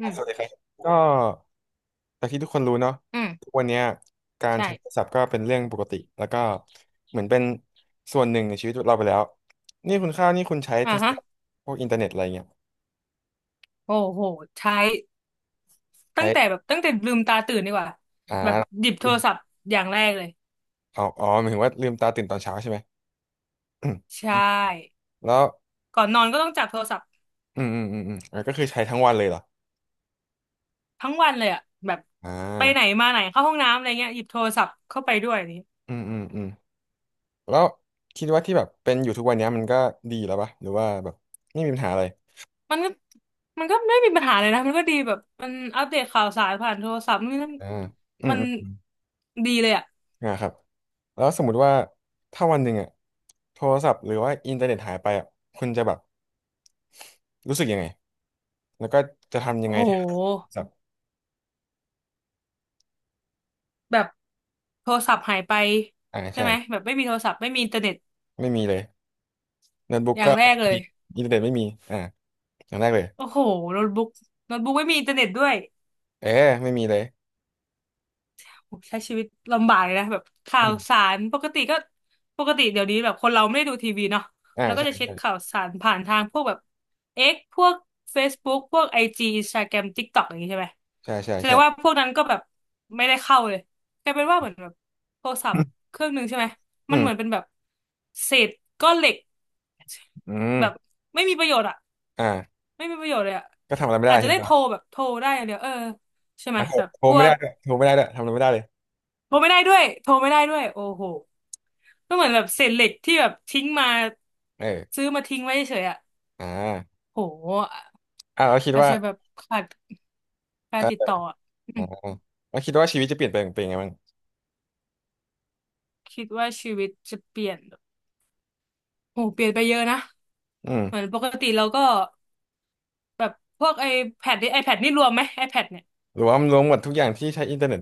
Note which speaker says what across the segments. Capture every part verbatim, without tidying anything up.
Speaker 1: อื
Speaker 2: อ่ะ
Speaker 1: ม
Speaker 2: สวัสดีครับก็จากที่ทุกคนรู้เนาะ
Speaker 1: อื
Speaker 2: ทุ
Speaker 1: ม
Speaker 2: กวันเนี้ยการ
Speaker 1: ใช่
Speaker 2: ใช้โทรศัพท์ก็เป็นเรื่องปกติแล้วก็เหมือนเป็นส่วนหนึ่งในชีวิตเราไปแล้วนี่คุณข้าวนี่คุณใช้
Speaker 1: อ่า
Speaker 2: โทร
Speaker 1: ฮะ
Speaker 2: ศัพท์พวกอินเทอร์เน็ตอะไรเงี้ย
Speaker 1: โอ้โหใช้ตั้งแต่
Speaker 2: ใช้
Speaker 1: แบบตั้งแต่ลืมตาตื่นดีกว่าแบบ
Speaker 2: อ่า
Speaker 1: หยิบโทรศัพท์อย่างแรกเลย
Speaker 2: อ๋ออ๋อหมายถึงว่าลืมตาตื่นตอนเช้าใช่ไหม อืม
Speaker 1: ใช่
Speaker 2: แล้ว
Speaker 1: ก่อนนอนก็ต้องจับโทรศัพท์
Speaker 2: อืมอืมอืมอืมอ่ะก็คือใช้ทั้งวันเลยเหรอ
Speaker 1: ทั้งวันเลยอะแบบ
Speaker 2: อ่า
Speaker 1: ไปไหนมาไหนเข้าห้องน้ำอะไรเงี้ยหยิบโทรศัพท์เข้าไปด้วยอันนี้
Speaker 2: อืมอืมอืมแล้วคิดว่าที่แบบเป็นอยู่ทุกวันเนี้ยมันก็ดีแล้วปะหรือว่าแบบไม่มีปัญหาอะไร
Speaker 1: มันก็มันก็ไม่มีปัญหาเลยนะมันก็ดีแบบมันอัปเดตข่าวสารผ่านโทรศัพท์นี่นั่น
Speaker 2: อ่าอื
Speaker 1: มั
Speaker 2: ม
Speaker 1: น
Speaker 2: อืม
Speaker 1: ดีเลยอะ
Speaker 2: นะครับแล้วสมมุติว่าถ้าวันหนึ่งอะโทรศัพท์หรือว่าอินเทอร์เน็ตหายไปอะคุณจะแบบรู้สึกยังไงแล้วก็จะทำยั
Speaker 1: โ
Speaker 2: งไงที่โท
Speaker 1: ห
Speaker 2: รศัพท์
Speaker 1: แบบโทรศัพท์หายไป
Speaker 2: อ่า
Speaker 1: ใช่
Speaker 2: ใช่
Speaker 1: ไหมแบบไม่มีโทรศัพท์ไม่มีอินเทอร์เน็ต
Speaker 2: ไม่มีเลยโน้ตบุ๊ก
Speaker 1: อย่า
Speaker 2: ก็
Speaker 1: งแรกเล
Speaker 2: มี
Speaker 1: ย
Speaker 2: อินเทอร์เน็ตไม่มีอ่าอย่างแรกเลย
Speaker 1: โอ้โหโน้ตบุ๊กโน้ตบุ๊กไม่มีอินเทอร์เน็ตด้วย
Speaker 2: เออไม่มีเลย
Speaker 1: โอ้ใช้ชีวิตลำบากเลยนะ แบบข่า
Speaker 2: อื
Speaker 1: วสา
Speaker 2: ม
Speaker 1: ร ปกติก็ปกติเดี๋ยวนี้แบบคนเราไม่ได้ดูทีวีเนาะ
Speaker 2: อ่า
Speaker 1: แล้วก็
Speaker 2: ใช่
Speaker 1: จะเช็ค
Speaker 2: ใช่
Speaker 1: ข่าวสารผ่านทางพวกแบบ X พวก Facebook พวก ไอ จี Instagram TikTok อย่างนี้ใช่ไหม
Speaker 2: ใช่ใช่
Speaker 1: แสดงว่า
Speaker 2: ใช่
Speaker 1: พวกนั้นก็แบบไม่ได้เข้าเลยกลายเป็นว่าเหมือนแบบโทรศัพท์เครื่องหนึ่งใช่ไหมมั
Speaker 2: อื
Speaker 1: น
Speaker 2: ม
Speaker 1: เหมือนเป็นแบบเศษก้อนเหล็ก
Speaker 2: อืม
Speaker 1: แบบไม่มีประโยชน์อะ
Speaker 2: อ่า
Speaker 1: ไม่มีประโยชน์เลยอะ
Speaker 2: ก็ทำอะไรไม่
Speaker 1: อา
Speaker 2: ได้
Speaker 1: จจะ
Speaker 2: ใช่ไห
Speaker 1: ได้
Speaker 2: ม
Speaker 1: โทร
Speaker 2: ล่ะ
Speaker 1: แบบโทรได้อย่างเดียวเออใช่ไหม
Speaker 2: อ่ะโทร
Speaker 1: แบบ
Speaker 2: โทร
Speaker 1: พว
Speaker 2: ไม่
Speaker 1: ก
Speaker 2: ได้ด้วยโทรไม่ได้ด้วยทำอะไรไม่ได้เลย
Speaker 1: โทรไม่ได้ด้วยโทรไม่ได้ด้วยโอ้โหก็เหมือนแบบเศษเหล็กที่แบบทิ้งมา
Speaker 2: เออ
Speaker 1: ซื้อมาทิ้งไว้เฉยๆอะ
Speaker 2: อ่า
Speaker 1: โห
Speaker 2: อ่าเราคิด
Speaker 1: อาจ
Speaker 2: ว่า
Speaker 1: จะแบบขาดกา
Speaker 2: เออ
Speaker 1: รติดต่ออะอื
Speaker 2: อ่า
Speaker 1: ม
Speaker 2: เราคิดว่าชีวิตจะเปลี่ยนไปเป็นยังไงบ้าง
Speaker 1: คิดว่าชีวิตจะเปลี่ยนแบบโหเปลี่ยนไปเยอะนะ
Speaker 2: อื
Speaker 1: เหมือน
Speaker 2: ม
Speaker 1: ปกติเราก็แบบพวกไอแพดนี่ไอแพดนี่รวมไหมไอแพดเนี่ย
Speaker 2: หรือว่ามันรวมหมดทุกอย่างที่ใช้อินเทอร์เน็ต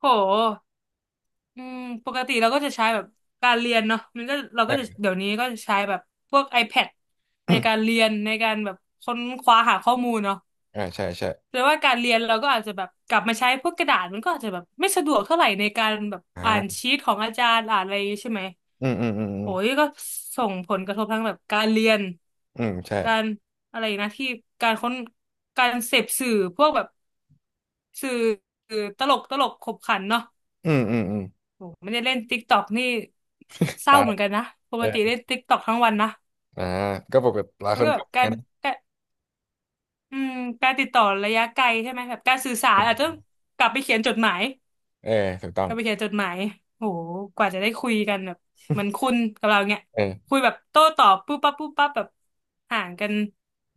Speaker 1: โห อืมปกติเราก็จะใช้แบบการเรียนเนาะมันก็เรา
Speaker 2: เอ
Speaker 1: ก็จะ
Speaker 2: อ
Speaker 1: เดี๋ยวนี้ก็จะใช้แบบพวก iPad ในการ เรียนในการแบบค้นคว้าหาข้อมูลเนาะ
Speaker 2: อ่าใช่ใช่
Speaker 1: แต่ว่าการเรียนเราก็อาจจะแบบกลับมาใช้พวกกระดาษมันก็อาจจะแบบไม่สะดวกเท่าไหร่ในการแบบ
Speaker 2: อ่
Speaker 1: อ่าน
Speaker 2: า
Speaker 1: ชีทของอาจารย์อ่านอะไรอย่างงี้ใช่ไหม
Speaker 2: อืม อืม อืม อื
Speaker 1: โห
Speaker 2: ม
Speaker 1: ยก็ส่งผลกระทบทั้งแบบการเรียน
Speaker 2: อืมใช่
Speaker 1: การอะไรนะที่การค้นการเสพสื่อพวกแบบสื่อตลกตลกขบขันเนาะ
Speaker 2: อืม อืม อืม
Speaker 1: โหไม่ได้เล่นติ๊กตอกนี่เศร้า
Speaker 2: ตา
Speaker 1: เห
Speaker 2: ย
Speaker 1: มือนกันนะป
Speaker 2: เอ
Speaker 1: ก
Speaker 2: อ
Speaker 1: ติเล่นติ๊กตอกทั้งวันนะ
Speaker 2: อ่าก็ปกติหลาย
Speaker 1: แล้
Speaker 2: ค
Speaker 1: ว
Speaker 2: น
Speaker 1: ก็แบ
Speaker 2: ก็
Speaker 1: บ
Speaker 2: เป็นอย่า
Speaker 1: กา
Speaker 2: งนั้
Speaker 1: ร
Speaker 2: นนะ
Speaker 1: การอืมการติดต่อระยะไกลใช่ไหมแบบการสื่อสารอาจจะต้องกลับไปเขียนจดหมาย
Speaker 2: เออถูกต้อ
Speaker 1: ก
Speaker 2: ง
Speaker 1: ลับไปเขียนจดหมายโหกว่าจะได้คุยกันแบบเหมือนคุณกับเราเนี่ย
Speaker 2: เออ
Speaker 1: คุยแบบโต้ตอบปุ๊บปั๊บปุ๊บปั๊บแบบห่างกัน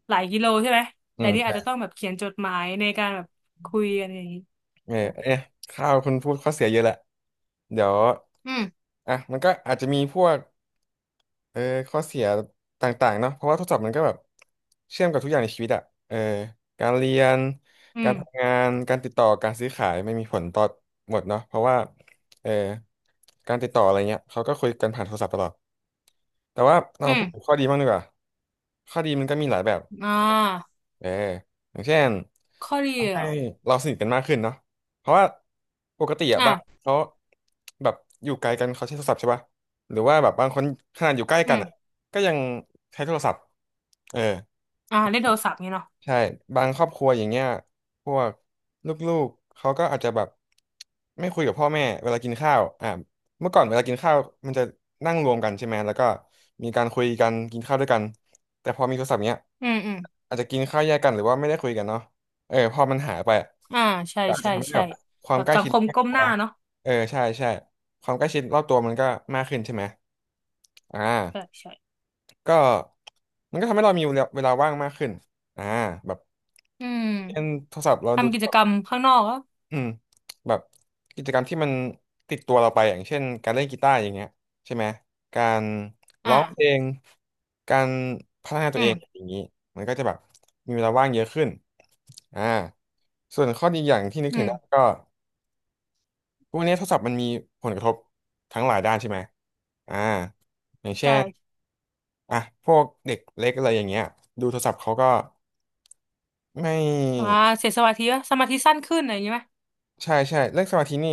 Speaker 1: หลายกิโลใช่ไหม
Speaker 2: อื
Speaker 1: แต่
Speaker 2: ม
Speaker 1: นี่อา
Speaker 2: ใช่
Speaker 1: จจะต้องแบบเขียนจดหมายในการแบบคุยกันอย่างนี้
Speaker 2: เออ
Speaker 1: โห
Speaker 2: เอะข้าวคุณพูดข้อเสียเยอะแหละเดี๋ยว
Speaker 1: อืม
Speaker 2: อ่ะมันก็อาจจะมีพวก เออข้อเสียต่างๆเนาะเพราะว่าโทรศัพท์มันก็แบบเชื่อมกับทุกอย่างในชีวิตอะเออการเรียน
Speaker 1: อื
Speaker 2: การ
Speaker 1: ม
Speaker 2: ทำงานการติดต่อการซื้อขายไม่มีผลต่อหมดเนาะเพราะว่าเออการติดต่ออะไรเงี้ยเขาก็คุยกันผ่านโทรศัพท์ตลอดแต่ว่าเรา
Speaker 1: อื
Speaker 2: มา
Speaker 1: ม
Speaker 2: พูดถึงข้อดีบ้างดีกว่าข้อดีมันก็มีหลายแบบ
Speaker 1: อ่า
Speaker 2: เอออย่างเช่น
Speaker 1: ข้อดี
Speaker 2: ทำ
Speaker 1: เหร
Speaker 2: ให้
Speaker 1: อ
Speaker 2: เราสนิทกันมากขึ้นเนาะเพราะว่าปกติอะบ้าน
Speaker 1: อ่า
Speaker 2: เขาแบบอยู่ไกลกันเขาใช้โทรศัพท์ใช่ป่ะหรือว่าแบบบางคนขนาดอยู่ใกล้
Speaker 1: อื
Speaker 2: กัน
Speaker 1: ม
Speaker 2: อะก็ยังใช้โทรศัพท์เออ
Speaker 1: อ่าเล่นโทรศัพท์นี่เนาะ
Speaker 2: ใช่บางครอบครัวอย่างเงี้ยพวกลูกๆเขาก็อาจจะแบบไม่คุยกับพ่อแม่เวลากินข้าวอ่าเมื่อก่อนเวลากินข้าวมันจะนั่งรวมกันใช่ไหมแล้วก็มีการคุยกันกินข้าวด้วยกันแต่พอมีโทรศัพท์เนี้ย
Speaker 1: อืมอืม
Speaker 2: อาจจะกินข้าวแยกกันหรือว่าไม่ได้คุยกันเนาะเออพอมันหายไปอะ
Speaker 1: อ่าใช่
Speaker 2: ก็อาจ
Speaker 1: ใช่
Speaker 2: จะทำให้
Speaker 1: ใช่
Speaker 2: แบบควา
Speaker 1: แบ
Speaker 2: ม
Speaker 1: บ
Speaker 2: ใกล้
Speaker 1: สัง
Speaker 2: ชิ
Speaker 1: ค
Speaker 2: ด
Speaker 1: ม
Speaker 2: ครอบ
Speaker 1: ก้ม
Speaker 2: ค
Speaker 1: ห
Speaker 2: รัว
Speaker 1: น้าเนาะ
Speaker 2: เออใช่ใช่ความใกล้ชิดรอบตัวมันก็มากขึ้นใช่ไหมอ่า
Speaker 1: ใช่ใช่
Speaker 2: ก็มันก็ทำให้เรามีเวลาเวลาว่างมากขึ้นอ่าแบบ
Speaker 1: อืม
Speaker 2: เล่นโทรศัพท์เราดู
Speaker 1: ทำกิจกรรมข้างนอกอ่
Speaker 2: อืมแบบกิจกรรมที่มันติดตัวเราไปอย่างเช่นการเล่นกีตาร์อย่างเงี้ยใช่ไหมการร้
Speaker 1: อ่า
Speaker 2: องเพลงการพัฒนาตั
Speaker 1: อื
Speaker 2: วเอ
Speaker 1: ม
Speaker 2: งอย่างนี้มันก็จะแบบมีเวลาว่างเยอะขึ้นอ่าส่วนข้อดีอย่างที่นึก
Speaker 1: อื
Speaker 2: ถึง
Speaker 1: ม
Speaker 2: ได้ก็พวกนี้โทรศัพท์มันมีผลกระทบทั้งหลายด้านใช่ไหมอ่าอย่างเช่
Speaker 1: ใช่
Speaker 2: น อ่ะพวกเด็กเล็กอะไรอย่างเงี้ยดูโทรศัพท์เขาก็ไม
Speaker 1: อ่า
Speaker 2: ่
Speaker 1: เสียสมาธิปะสมาธิสั้นขึ้นอะไรอย่างงี้ไหม
Speaker 2: ใช่ใช่เรื่องสมาธินี่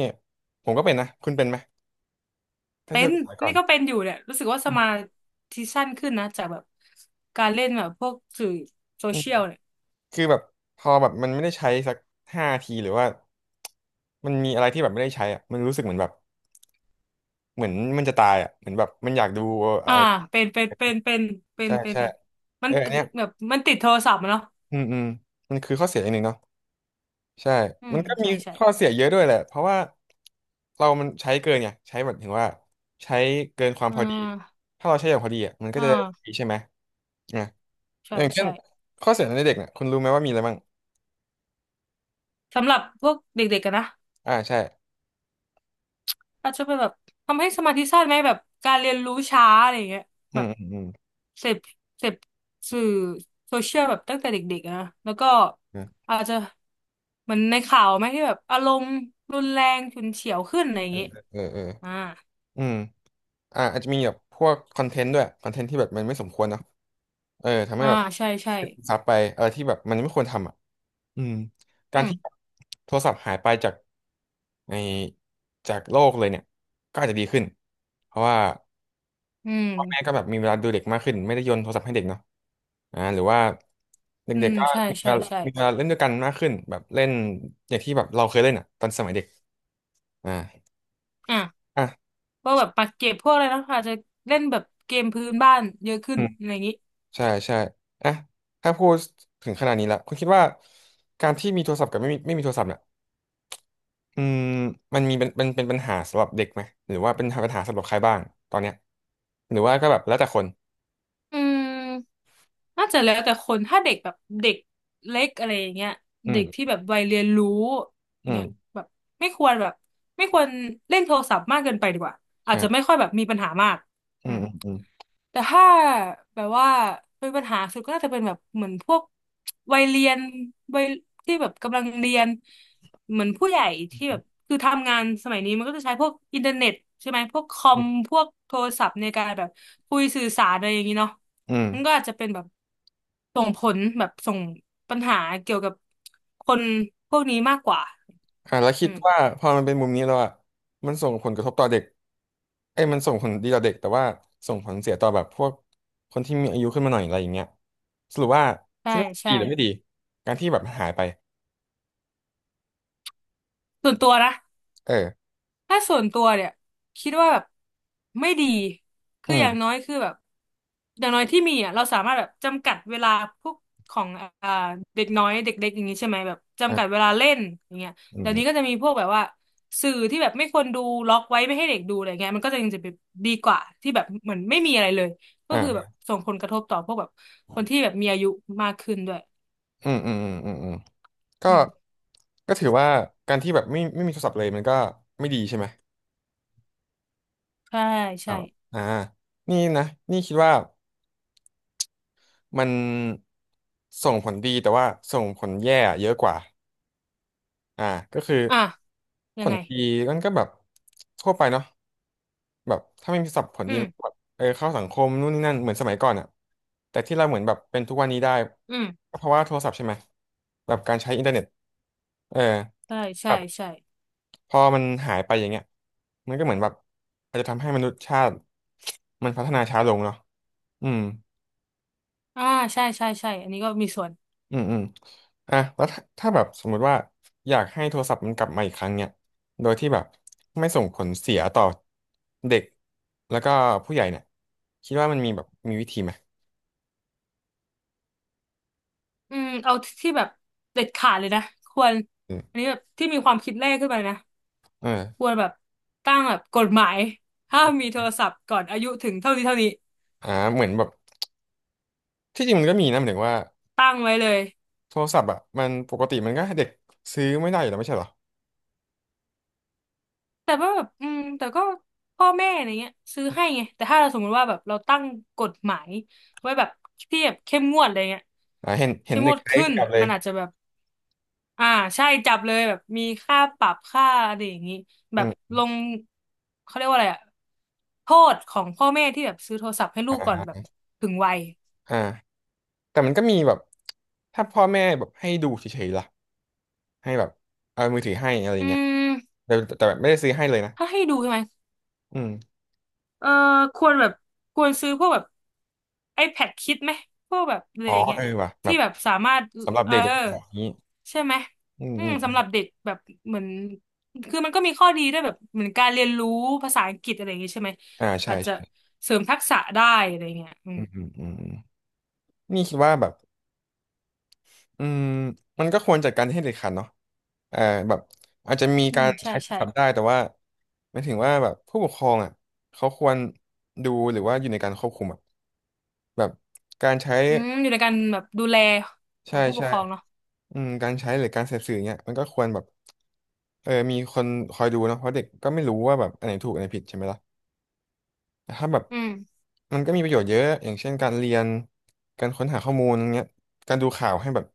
Speaker 2: ผมก็เป็นนะคุณเป็นไหมถ้า
Speaker 1: เป็
Speaker 2: เทียบ
Speaker 1: น
Speaker 2: กับสมัยก่อ
Speaker 1: นี่
Speaker 2: น
Speaker 1: ก็เป็นอยู่เนี่ยรู้สึกว่าสมาธิสั้นขึ้นนะจากแบบการเล่นแบบพวกสื่อโซ
Speaker 2: อืม
Speaker 1: เชียลเนี่ย
Speaker 2: คือแบบพอแบบมันไม่ได้ใช้สักห้าทีหรือว่ามันมีอะไรที่แบบไม่ได้ใช้อ่ะมันรู้สึกเหมือนแบบเหมือนมันจะตายอ่ะเหมือนแบบมันอยากดูอะ
Speaker 1: อ่า
Speaker 2: ไร
Speaker 1: เป็นเป็นเป็นเป็นเป็น
Speaker 2: ใช่
Speaker 1: เป็น
Speaker 2: ใช่
Speaker 1: มั
Speaker 2: เอ
Speaker 1: น
Speaker 2: ออันเนี้ย
Speaker 1: แบบมันติดโทรศัพท์อะเนาะ
Speaker 2: อืมอืมมันคือข้อเสียอย่างหนึ่งเนาะ ใช่
Speaker 1: อื
Speaker 2: มั
Speaker 1: ม
Speaker 2: นก็มี
Speaker 1: ใช่ใช่
Speaker 2: ข้อเสียเยอะด้วยแหละเพราะว่าเรามันใช้เกินไงใช้แมบถึงว่าใช้เกินความ
Speaker 1: อ่
Speaker 2: พอดี
Speaker 1: า
Speaker 2: ถ้าเราใช้อย่างพอดีอ่ะมันก็
Speaker 1: อ่
Speaker 2: จะ
Speaker 1: า
Speaker 2: ดีใช่ไหมอ่ะ
Speaker 1: ใช่
Speaker 2: อย่างเช่น
Speaker 1: ใช่
Speaker 2: ข้อเสียในเด็กเนี่ยคุณรู้ไหมว่ามีอะไรบ้าง
Speaker 1: สำหรับพวกเด็กๆกันนะ
Speaker 2: อ่า ใช่
Speaker 1: อาจจะเป็นแบบทำให้สมาธิสั้นไหมแบบการเรียนรู้ช้าอะไรอย่างเงี้ย
Speaker 2: อื
Speaker 1: แบบ
Speaker 2: มอืม
Speaker 1: เสพเสพสื่อโซเชียลแบบตั้งแต่เด็กๆอะนะแล้วก็
Speaker 2: อืม
Speaker 1: อาจจะเหมือนในข่าวไหมที่แบบอารมณ์รุนแรงฉุนเฉียวขึ้นอะไรอย่าง
Speaker 2: อืม
Speaker 1: เงี้ย
Speaker 2: เออเออเออ
Speaker 1: อ่า
Speaker 2: อืมอ่าอาจจะมีแบบพวกคอนเทนต์ด้วยคอนเทนต์ที่แบบมันไม่สมควรเนาะเออทำให้
Speaker 1: อ่า
Speaker 2: แบบ
Speaker 1: ใช่ใช่
Speaker 2: ซับไปอะไรที่แบบมันไม่ควรทำอ่ะ อืม
Speaker 1: อื
Speaker 2: การ
Speaker 1: ม
Speaker 2: ที่โทรศัพท์หายไปจากในจากโลกเลยเนี่ยก็อาจจะดีขึ้นเพราะว่า
Speaker 1: อืม
Speaker 2: พ่อแม่ก็แบบมีเวลาดูเด็กมากขึ้นไม่ได้โยนโทรศัพท์ให้เด็กเนาะอ่าหรือว่า
Speaker 1: อื
Speaker 2: เด็ก
Speaker 1: ม
Speaker 2: ๆก็
Speaker 1: ใช่
Speaker 2: มีเว
Speaker 1: ใช่
Speaker 2: ลา
Speaker 1: ใช่
Speaker 2: มีเวลาเล่นด้วยกันมากขึ้นแบบเล่นอย่างที่แบบเราเคยเล่นอ่ะตอนสมัยเด็กอ่า
Speaker 1: อ่ะ
Speaker 2: อ่ะ
Speaker 1: พวกแบบปักเก็บพวกอะไรนะอาจจะเล่นแบบเกมพื้นบ้านเยอะขึ้
Speaker 2: อื
Speaker 1: น
Speaker 2: ม
Speaker 1: อะไรอย่างงี้
Speaker 2: ใช่ใช่อ่ะถ้าพูดถึงขนาดนี้แล้วคุณคิดว่าการที่มีโทรศัพท์กับไม่มีไม่มีโทรศัพท์เนี่ย อืมมันมีเป็นเป็นเป็นปัญหาสำหรับเด็กไหมหรือว่าเป็นปัญหาสำหรับใครบ้างตอนเนี้ยหรือว่าก็แบบแล้วแต่คน
Speaker 1: อืมน่าจะแล้วแต่คนถ้าเด็กแบบเด็กเล็กอะไรอย่างเงี้ย
Speaker 2: อื
Speaker 1: เด็กที่
Speaker 2: ม
Speaker 1: แบบวัยเรียนรู้อ
Speaker 2: อื
Speaker 1: ย่าง
Speaker 2: ม
Speaker 1: เงี้ยแบบไม่ควรแบบไม่ควรเล่นโทรศัพท์มากเกินไปดีกว่าอาจจะไม่
Speaker 2: อ่า
Speaker 1: ค่อยแบบมีปัญหามาก
Speaker 2: อื
Speaker 1: อื
Speaker 2: ม
Speaker 1: ม
Speaker 2: อืม
Speaker 1: แต่ถ้าแบบว่าเป็นปัญหาสุดก็น่าจะเป็นแบบเหมือนพวกวัยเรียนวัยที่แบบกำลังเรียนเหมือนผู้ใหญ่ที่แบบคือทำงานสมัยนี้มันก็จะใช้พวกอินเทอร์เน็ตใช่ไหมพวกคอ
Speaker 2: อื
Speaker 1: ม
Speaker 2: ม
Speaker 1: พวกโทรศัพท์ในการแบบคุยสื่อสารอะไรอย่างนี้เนาะ
Speaker 2: อืม
Speaker 1: มันก็อาจจะเป็นแบบส่งผลแบบส่งปัญหาเกี่ยวกับคนพวกนี้มากกว่า
Speaker 2: อ่าแล้วคิ
Speaker 1: อื
Speaker 2: ด
Speaker 1: ม
Speaker 2: ว่าพอมันเป็นมุมนี้แล้วอ่ะมันส่งผลกระทบต่อเด็กเอ้ยมันส่งผลดีต่อเด็กแต่ว่าส่งผลเสียต่อแบบพวกคนที่มีอายุขึ้นมาหน่อยอะไรอย่างเงี้ยสรุปว่า
Speaker 1: ใช่
Speaker 2: คิดว่าดี
Speaker 1: ใช่
Speaker 2: หรือไม่ดีการที่แบบหายไป
Speaker 1: ส่วนตัวนะ
Speaker 2: เออ
Speaker 1: ถ้าส่วนตัวเนี่ยคิดว่าแบบไม่ดี
Speaker 2: อื
Speaker 1: คืออย่าง
Speaker 2: ม
Speaker 1: น้อยคือแบบอย่างน้อยที่มีอ่ะเราสามารถแบบจำกัดเวลาพวกของอ่าเด็กน้อยเด็กเล็กอย่างนี้ใช่ไหมแบบจำกัด
Speaker 2: อ่า
Speaker 1: เวลาเล่นอย่างเงี้ย
Speaker 2: อื
Speaker 1: เดี๋ยวนี้ก็
Speaker 2: ม
Speaker 1: จะมีพวกแบบว่าสื่อที่แบบไม่ควรดูล็อกไว้ไม่ให้เด็กดูอะไรเงี้ยมันก็จะยังจะแบบดีกว่าที่แบบเหมือนไม่มีอะไรเลยก็คือแบ
Speaker 2: อ่า
Speaker 1: บส่งผลกระทบต่อพวกแบบคนที่แบบมีอายุมากขึ้นด้วย
Speaker 2: อืมอืมอืมอืม ก็
Speaker 1: อืม
Speaker 2: ก็ถือว่าการที่แบบไม่ไม่มีโทรศัพท์เลยมันก็ไม่ดีใช่ไหม
Speaker 1: ใช่
Speaker 2: อ๋อ
Speaker 1: ใช่
Speaker 2: อ่านี่นะนี่คิดว่ามันส่งผลดีแต่ว่าส่งผลแย่เยอะกว่าอ่าก็คือ
Speaker 1: อ่ะ
Speaker 2: ผ
Speaker 1: ยัง
Speaker 2: ล
Speaker 1: ไง
Speaker 2: ดีมันก็แบบทั่วไปเนาะแบบถ้าไม่มีโทรศัพท์ผล
Speaker 1: อื
Speaker 2: ดีมันก็
Speaker 1: ม
Speaker 2: แบบเออเข้าสังคมนู่นนี่นั่นเหมือนสมัยก่อนอะแต่ที่เราเหมือนแบบเป็นทุกวันนี้ได้
Speaker 1: อืม
Speaker 2: ก็เพราะว่าโทรศัพท์ใช่ไหมแบบการใช้อินเทอร์เน็ตเออ
Speaker 1: ใช่
Speaker 2: แบ
Speaker 1: ใช่
Speaker 2: บ
Speaker 1: ใช่
Speaker 2: พอมันหายไปอย่างเงี้ยมันก็เหมือนแบบอาจจะทำให้มนุษยชาติมันพัฒนาช้าลงเนาะอืม
Speaker 1: อ่าใช่ใช่ใช่อันนี้ก็มีส่วน
Speaker 2: อืมอืมอ่ะแล้วถ้าถ้าแบบสมมุติว่าอยากให้โทรศัพท์มันกลับมาอีกครั้งเนี่ยโดยที่แบบไม่ส่งผลเสียต่อเด็กแล้วก็ผู้ใหญ่เนี่ยคิดว่ามันมีแบบมีวิธีไหม
Speaker 1: อืมเอาที่แบบเด็ดขาดเลยนะควร
Speaker 2: อื
Speaker 1: อัน
Speaker 2: ม
Speaker 1: นี้แบบที่มีความคิดแรกขึ้นไปนะ
Speaker 2: เอ
Speaker 1: ค
Speaker 2: อ
Speaker 1: วรแบบตั้งแบบกฎหมายห้ามมีโทรศัพท์ก่อนอายุถึงเท่านี้เท่านี้
Speaker 2: อ่าเหมือนแบบที่จริงมันก็มีนะหมายถึงว่า
Speaker 1: ตั้งไว้เลย
Speaker 2: โทรศัพท์อ่ะมันปกติมันก็ให้เด็กซื้อไม่ได้อยู่แล้วไม่ใช่เหรอ
Speaker 1: แต่ว่าแบบอืมแต่ก็พ่อแม่อะไรเงี้ยซื้อให้ไงแต่ถ้าเราสมมติว่าแบบเราตั้งกฎหมายไว้แบบที่แบบเข้มงวดอะไรเงี้ย
Speaker 2: อ่าเห็นเห็
Speaker 1: เข้
Speaker 2: น
Speaker 1: มง
Speaker 2: เด็ก
Speaker 1: วด
Speaker 2: ใช้
Speaker 1: ขึ้น
Speaker 2: กลับเลย
Speaker 1: มันอาจจะแบบ อ่าใช่จับเลยแบบมีค่าปรับค่าอะไรอย่างนี้แบ
Speaker 2: อื
Speaker 1: บ
Speaker 2: ม
Speaker 1: ลงเขาเรียกว่าอะไรอะโทษของพ่อแม่ที่แบบซื้อโทรศัพท์ให้ลูกก่อนแบบถึงวัย
Speaker 2: อ่า แต่มันก็มีแบบถ้าพ่อแม่แบบให้ดูเฉยๆล่ะให้แบบเอามือถือให้อะไรอ
Speaker 1: อื
Speaker 2: ย่างเงี้ย
Speaker 1: ม
Speaker 2: แต่แต่แบบไม่ได้ซื้อให้เลยนะ
Speaker 1: ถ้าให้ดูใช่ไหม
Speaker 2: อืม
Speaker 1: เออควรแบบควรซื้อพวกแบบ iPad คิดไหมพวกแบบอะไร
Speaker 2: อ๋อ
Speaker 1: อย่างเงี้
Speaker 2: เอ
Speaker 1: ย
Speaker 2: อว่ะแบ
Speaker 1: ที่
Speaker 2: บ
Speaker 1: แบบสามารถ
Speaker 2: สำหรับ
Speaker 1: เออ
Speaker 2: เด็กเด็กแบอกนี้
Speaker 1: ใช่ไหม
Speaker 2: อืม
Speaker 1: อื
Speaker 2: อื
Speaker 1: ม
Speaker 2: มอ
Speaker 1: สำหรับ
Speaker 2: ม
Speaker 1: เด็กแบบเหมือนคือมันก็มีข้อดีด้วยแบบเหมือนการเรียนรู้ภาษาอังกฤษอะไรอย่างเงี้ยใช่ไหม
Speaker 2: อ่าใช่
Speaker 1: อาจจะ
Speaker 2: ใช่
Speaker 1: เสริมทักษะได้อะไรเงี้ยอืม
Speaker 2: อืมอืมอืมอืมนี่คิดว่าแบบอืมมันก็ควรจัดการให้เด็ดขาดเนาะเอ่อแบบอาจจะมี
Speaker 1: อื
Speaker 2: กา
Speaker 1: ม
Speaker 2: ร
Speaker 1: ใช่
Speaker 2: ใช้โทร
Speaker 1: ใช่
Speaker 2: ศัพท์ได้แต่ว่าหมายถึงว่าแบบผู้ปกครองอ่ะเขาควรดูหรือว่าอยู่ในการควบคุมอ่ะแบบการใช้
Speaker 1: อืมอยู่ในการแบบดูแลขอ
Speaker 2: ใช่
Speaker 1: งผู้ปก
Speaker 2: ใช่
Speaker 1: ครองเนาะ
Speaker 2: อืมการใช้หรือการเสพสื่อเนี่ยมันก็ควรแบบเออมีคนคอยดูเนอะเพราะเด็กก็ไม่รู้ว่าแบบอันไหนถูกอันไหนผิดใช่ไหมล่ะแต่ถ้าแบบ
Speaker 1: อืม
Speaker 2: มันก็มีประโยชน์เยอะอย่างเช่นการเรียนการค้นหาข้อมูลเงี้ยการดูข่าวให้แบบ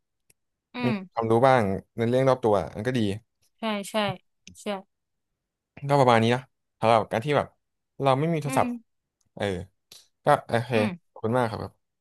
Speaker 1: อื
Speaker 2: มีความ
Speaker 1: ม
Speaker 2: รู้บ้างในเรื่องรอบตัวมันก็ดี
Speaker 1: ใช่ใช่ใช่
Speaker 2: ก็ประมาณนี้นะสำหรับการที่แบบเราไม่มีโท
Speaker 1: อื
Speaker 2: รศั
Speaker 1: ม
Speaker 2: พท์เออก็โอเค
Speaker 1: อืม
Speaker 2: ขอบคุณมากครับ